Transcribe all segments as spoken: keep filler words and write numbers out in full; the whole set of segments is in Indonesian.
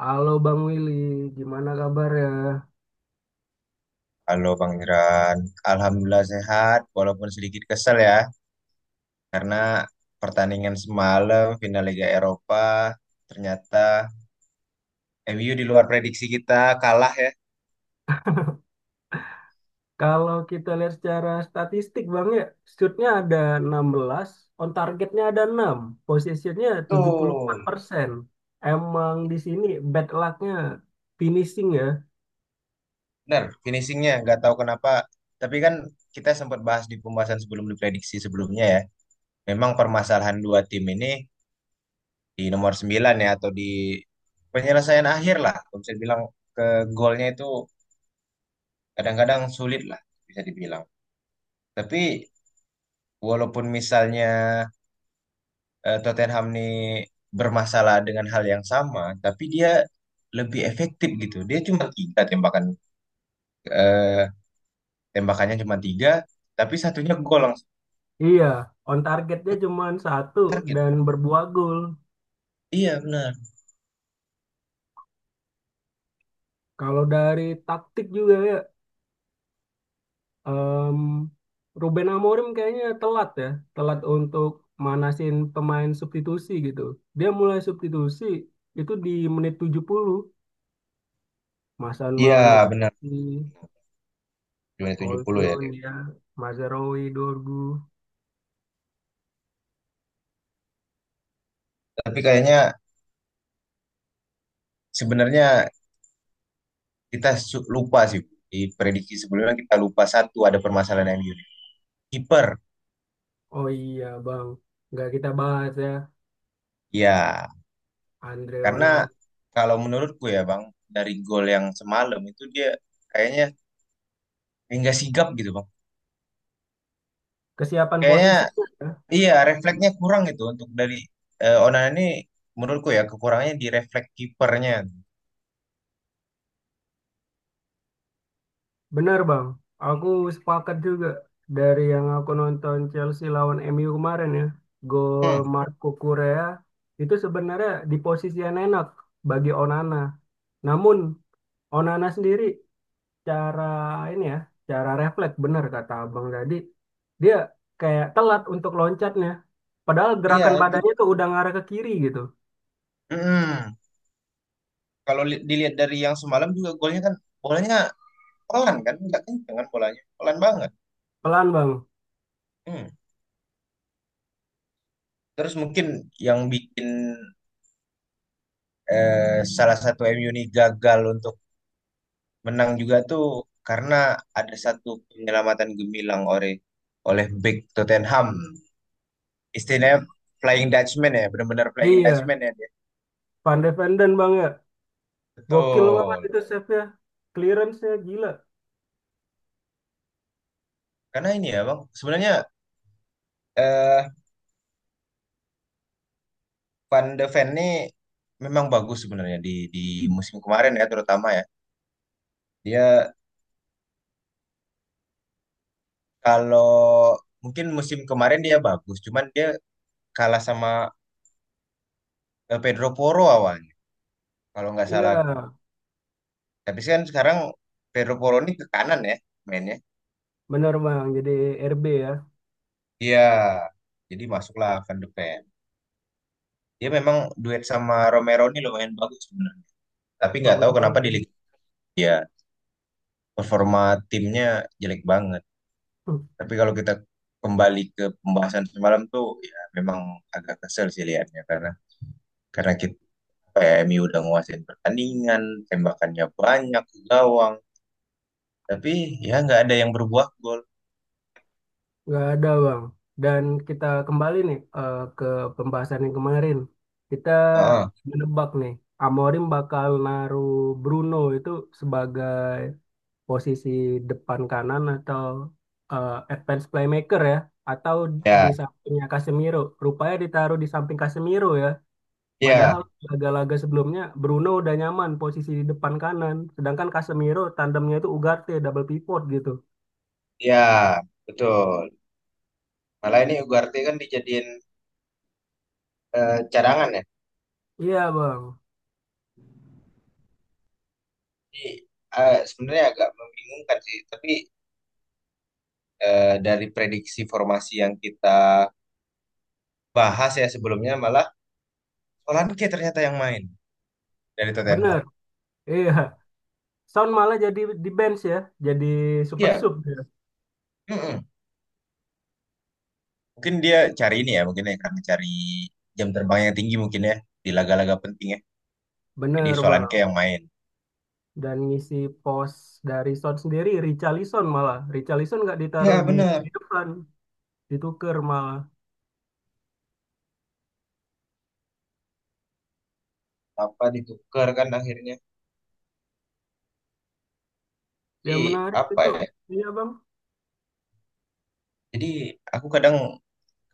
Halo Bang Willy, gimana kabarnya? Halo Bang Iran, Alhamdulillah sehat walaupun sedikit kesel ya karena pertandingan semalam final Liga Eropa ternyata M U di luar prediksi kita kalah ya. Kalau kita lihat secara statistik Bang ya, shootnya ada enam belas, on targetnya ada enam, possessionnya Tuh, tujuh puluh empat persen. Emang di sini bad lucknya finishing ya. bener finishingnya nggak tahu kenapa. Tapi kan kita sempat bahas di pembahasan sebelum diprediksi sebelumnya ya. Memang permasalahan dua tim ini di nomor sembilan ya atau di penyelesaian akhir lah. Kalau bisa bilang ke golnya itu kadang-kadang sulit lah bisa dibilang. Tapi walaupun misalnya eh, Tottenham nih bermasalah dengan hal yang sama, tapi dia lebih efektif gitu. Dia cuma tiga tembakan, eh, tembakannya cuma tiga, tapi satunya gol langsung Iya, on targetnya cuma satu target. dan berbuah gol. Iya benar. Kalau dari taktik juga ya, Em, Ruben Amorim kayaknya telat ya, telat untuk manasin pemain substitusi gitu. Dia mulai substitusi itu di menit tujuh puluh. Masan Iya Maun benar. dikasih, Cuma tujuh puluh ya Holtun dia. ya, Mazraoui, Dorgu. Tapi kayaknya sebenarnya kita su- lupa sih di prediksi sebelumnya kita lupa satu ada permasalahan M U. Kiper, Oh iya bang, nggak kita bahas ya, ya Andre karena Onana. kalau menurutku ya Bang dari gol yang semalam itu dia kayaknya hingga sigap gitu bang. Kesiapan Kayaknya posisinya ya. iya refleksnya kurang itu untuk dari eh, Onana ini menurutku ya kekurangannya di refleks kipernya. Bener Bang, aku sepakat juga dari yang aku nonton Chelsea lawan M U kemarin ya, gol Hmm, Marco Correa itu sebenarnya di posisi yang enak bagi Onana. Namun Onana sendiri cara ini ya, cara refleks bener kata Abang tadi, dia kayak telat untuk loncatnya. Padahal iya gerakan itu. badannya tuh udah ngarah ke kiri gitu. Mm-mm. Kalau li- dilihat dari yang semalam juga golnya kan bolanya pelan kan, nggak kenceng kan bolanya, pelan banget. Pelan Bang. Hmm. Terus mungkin yang bikin eh, salah satu M U ini gagal untuk menang juga tuh karena ada satu penyelamatan gemilang oleh oleh bek Tottenham. Istilahnya Flying Dutchman ya, benar-benar Flying Iya, Dutchman ya dia. Van de Ven Bang ya. Gokil banget Betul. itu save-nya. Clearance-nya gila. Karena ini ya Bang, sebenarnya eh Van de Ven ini memang bagus sebenarnya di di musim kemarin ya terutama ya. Dia kalau mungkin musim kemarin dia bagus, cuman dia kalah sama eh, Pedro Porro awalnya kalau nggak Iya. salah aku. Tapi kan sekarang Pedro Porro ini ke kanan ya mainnya. Bener Bang, jadi R B ya, Iya. Jadi masuklah Van de Ven. Dia memang duet sama Romero ini lumayan bagus sebenarnya. Tapi nggak bagus tahu kenapa banget di ya. Liga ya performa timnya jelek banget. Hmm. Tapi kalau kita kembali ke pembahasan semalam tuh, ya memang agak kesel sih liatnya karena karena kita M U udah nguasain pertandingan, tembakannya banyak ke gawang, tapi ya nggak ada yang berbuah gol. Nggak ada Bang. Dan kita kembali nih eh, ke pembahasan yang kemarin. Kita Heeh. menebak nih, Amorim bakal naruh Bruno itu sebagai posisi depan kanan atau eh, advance playmaker ya, atau di Ya, sampingnya Casemiro. Rupanya ditaruh di samping Casemiro ya. ya, Padahal laga-laga sebelumnya Bruno udah nyaman posisi di depan kanan, sedangkan Casemiro tandemnya itu Ugarte double pivot gitu. ya, betul. Malah ini Ugarte kan dijadiin eh, cadangan ya. Iya, Bang. Jadi eh, sebenarnya agak membingungkan sih. Tapi eh, dari prediksi formasi yang kita bahas ya sebelumnya, malah Solanke ternyata yang main dari Tottenham. Bener. Iya. Son malah jadi di bench ya, jadi super Iya, sub dia. mm-mm. Mungkin dia cari ini ya, mungkin ya karena cari jam terbang yang tinggi mungkin ya di laga-laga penting ya. Jadi Bener, Solanke Bang. yang main. Dan ngisi pos dari Son sendiri Richarlison malah. Richarlison nggak ditaruh Ya di, di benar. depan, ditukar malah. Apa ditukar kan akhirnya? Di Yang menarik apa itu, ya? iya, Bang. Jadi aku kadang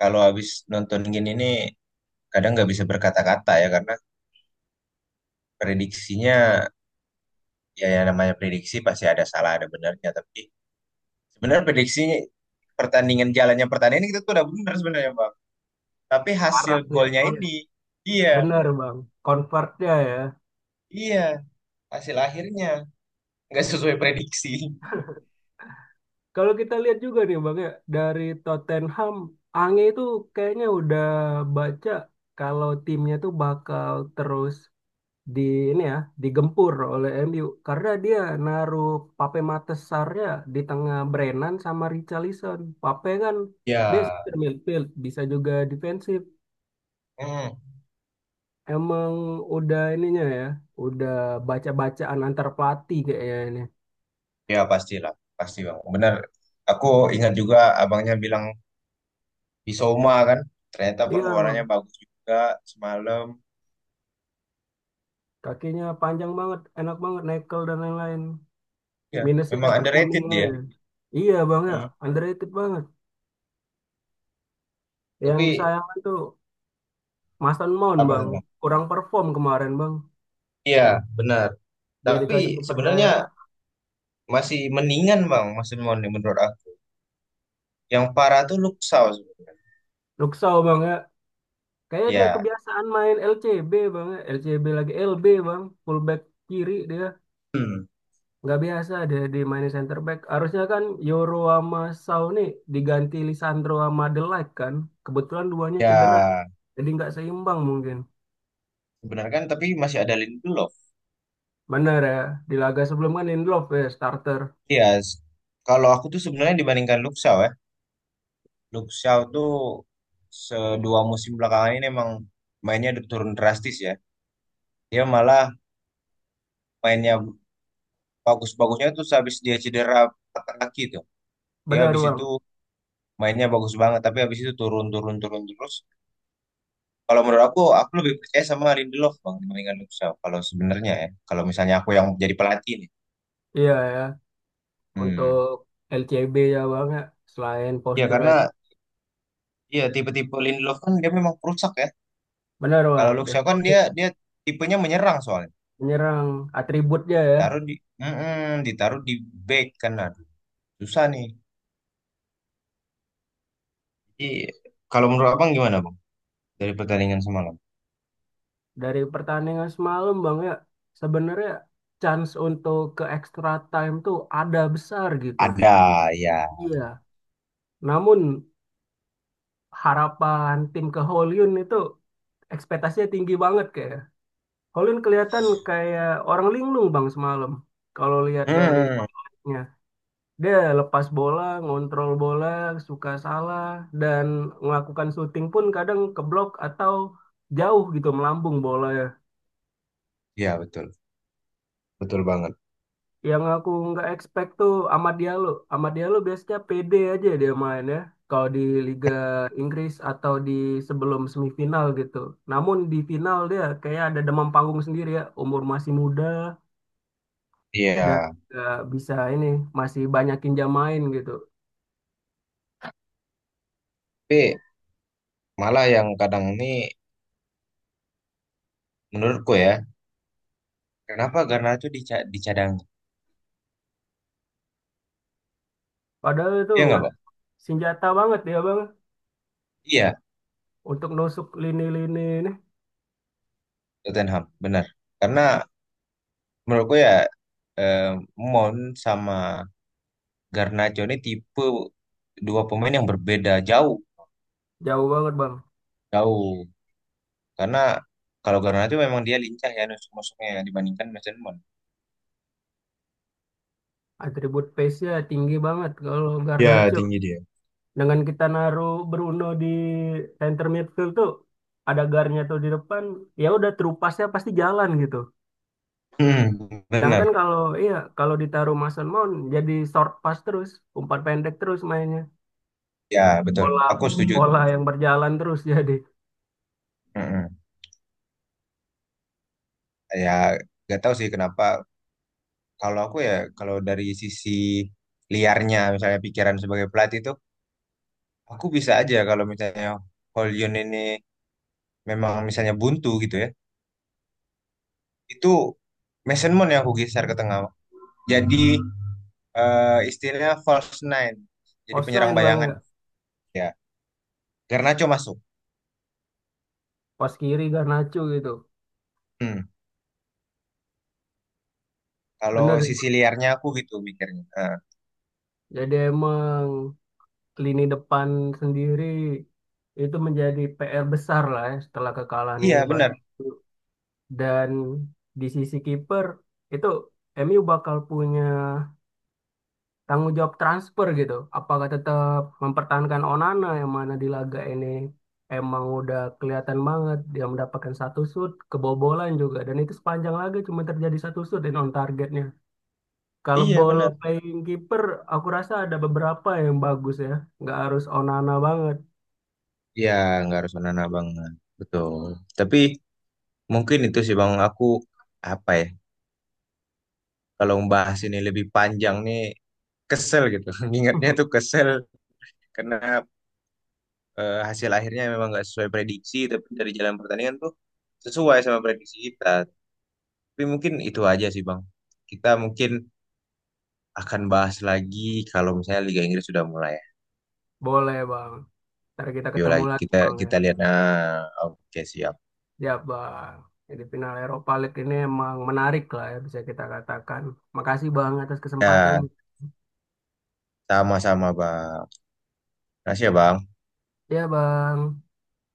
kalau habis nonton gini nih kadang nggak bisa berkata-kata ya karena prediksinya ya yang namanya prediksi pasti ada salah ada benarnya tapi sebenarnya prediksinya pertandingan jalannya pertandingan kita tuh udah benar sebenarnya Pak. Tapi hasil Arahnya, golnya iya. ini, iya, Bener, Bang. Convertnya ya. iya, hasil akhirnya nggak sesuai prediksi. Kalau kita lihat juga nih Bang ya, dari Tottenham, Ange itu kayaknya udah baca kalau timnya tuh bakal terus di ini ya, digempur oleh M U karena dia naruh Pape Sarnya di tengah Brennan sama Richarlison. Pape kan dia Ya, center midfield, bisa juga defensif. hmm, Emang udah ininya ya, udah baca-bacaan antar pelatih kayaknya ini. ya pastilah, pasti bang. Benar. Aku ingat juga abangnya bilang Bisoma kan, ternyata Iya, performanya Bang. bagus juga semalam. Kakinya panjang banget, enak banget, nekel dan lain-lain. Ya, Minusnya memang dapat kuning underrated dia. aja. Iya bang ya, Hmm. underrated banget. Yang Tapi disayangkan tuh Mason Mount apa tuh bang, bang? kurang perform kemarin bang. Iya, benar. Dia Tapi dikasih sebenarnya kepercayaan. masih mendingan bang, masih mendingan menurut aku. Yang parah tuh Luxau sebenarnya. Luksau bang ya, kayaknya dia Ya. kebiasaan main L C B bang ya, L C B lagi L B bang, fullback kiri dia. Hmm. Nggak biasa dia dimainin center back. Harusnya kan Yoro sama Sau nih diganti Lisandro sama De Ligt kan. Kebetulan duanya cedera, Ya. jadi nggak seimbang mungkin. Benar kan, tapi masih ada Lindelof. Benar ya, di laga sebelum kan Lindelof ya starter. Iya, s- kalau aku tuh sebenarnya dibandingkan Luxau ya, Luxau tuh sedua musim belakangan ini emang mainnya udah turun drastis ya. Dia malah mainnya bagus-bagusnya tuh habis dia cedera patah kaki tuh. Dia Benar habis itu bang. mainnya bagus banget, tapi habis itu turun-turun turun terus. Kalau menurut aku, aku lebih percaya sama Lindelof bang dibandingkan Luxau. Kalau sebenarnya ya, kalau misalnya aku yang jadi pelatih nih. Iya ya, Hmm. untuk L C B ya bang ya, selain Ya postur karena itu. ya tipe-tipe Lindelof kan dia memang perusak ya. Benar bang, Kalau Luxau kan dia destroyer. dia tipenya menyerang soalnya. Menyerang atributnya ya. Taruh di, mm-mm, ditaruh di back kan aduh susah nih. Jadi kalau menurut abang gimana bang dari pertandingan semalam? Dari pertandingan semalam bang ya, sebenarnya chance untuk ke extra time tuh ada besar gitu. Ada ya. Iya, namun harapan tim ke Holyun itu ekspektasinya tinggi banget kayak. Holyun kelihatan kayak orang linglung bang semalam. Kalau lihat dari Mm, dia lepas bola, ngontrol bola, suka salah, dan melakukan syuting pun kadang keblok atau jauh gitu melambung bolanya. ya, betul, betul banget. Yang aku nggak expect tuh Amad Diallo. Amad Diallo biasanya pede aja dia main ya. Kalau di Liga Inggris atau di sebelum semifinal gitu. Namun di final dia kayak ada demam panggung sendiri ya. Umur masih muda dan Iya. nggak bisa ini masih banyakin jam main gitu. Tapi malah yang kadang ini menurutku ya kenapa Garnacho dica- dicadang. Padahal itu Iya nggak bang. senjata banget ya bang. Iya, Untuk nusuk lini-lini ini Tottenham benar. Karena menurutku ya eh, Mount sama Garnacho ini tipe dua pemain yang berbeda jauh. jauh banget bang. Jauh. Karena kalau Garnacho memang dia lincah ya nusuk-nusuknya ya, dibandingkan Mason. Atribut pace-nya tinggi banget kalau Ya, Garnacho. tinggi dia. Dengan kita naruh Bruno di center midfield tuh ada garnya tuh di depan, ya udah true pass-nya pasti jalan gitu. Hmm, Sedangkan benar. kalau iya kalau ditaruh Mason Mount jadi short pass terus, umpan pendek terus mainnya. Ya, betul. Pola Aku setuju. pola yang berjalan terus jadi Mm-mm. Ya, gak tahu sih kenapa. Kalau aku ya, kalau dari sisi liarnya, misalnya pikiran sebagai pelatih itu, aku bisa aja kalau misalnya hollyun ini memang misalnya buntu gitu ya. Itu Mason Mount yang aku geser ke tengah. Jadi eh, istilahnya false nine. Jadi pos penyerang sembilan bayangan. bang, Ya, Garnacho masuk. pos kiri Garnacho gitu. Hmm. Kalau Bener sih, sisi Bang. liarnya aku gitu mikirnya. Ah, Jadi emang lini depan sendiri itu menjadi P R besar lah ya setelah kekalahan ini iya bagi benar, dan di sisi kiper itu M U bakal punya tanggung jawab transfer gitu. Apakah tetap mempertahankan Onana yang mana di laga ini emang udah kelihatan banget dia mendapatkan satu shoot, kebobolan juga dan itu sepanjang laga cuma terjadi satu shoot dan on targetnya. Kalau iya ball benar. playing kiper aku rasa ada beberapa yang bagus ya, nggak harus Onana banget. Iya nggak harus menanam banget, betul. Tapi mungkin itu sih bang aku apa ya? Kalau membahas ini lebih panjang nih kesel gitu. Ingatnya tuh kesel karena eh, hasil akhirnya memang nggak sesuai prediksi, tapi dari jalan pertandingan tuh sesuai sama prediksi kita. Tapi mungkin itu aja sih bang. Kita mungkin akan bahas lagi kalau misalnya Liga Inggris sudah mulai. Boleh bang, ntar kita Yuk ketemu lagi lagi kita bang ya. kita lihat. Nah, oke siap. Ya bang, jadi final Eropa League ini emang menarik lah ya bisa kita katakan. Makasih bang atas kesempatan. Ya, sama-sama Bang. Makasih ya Bang. Ya bang.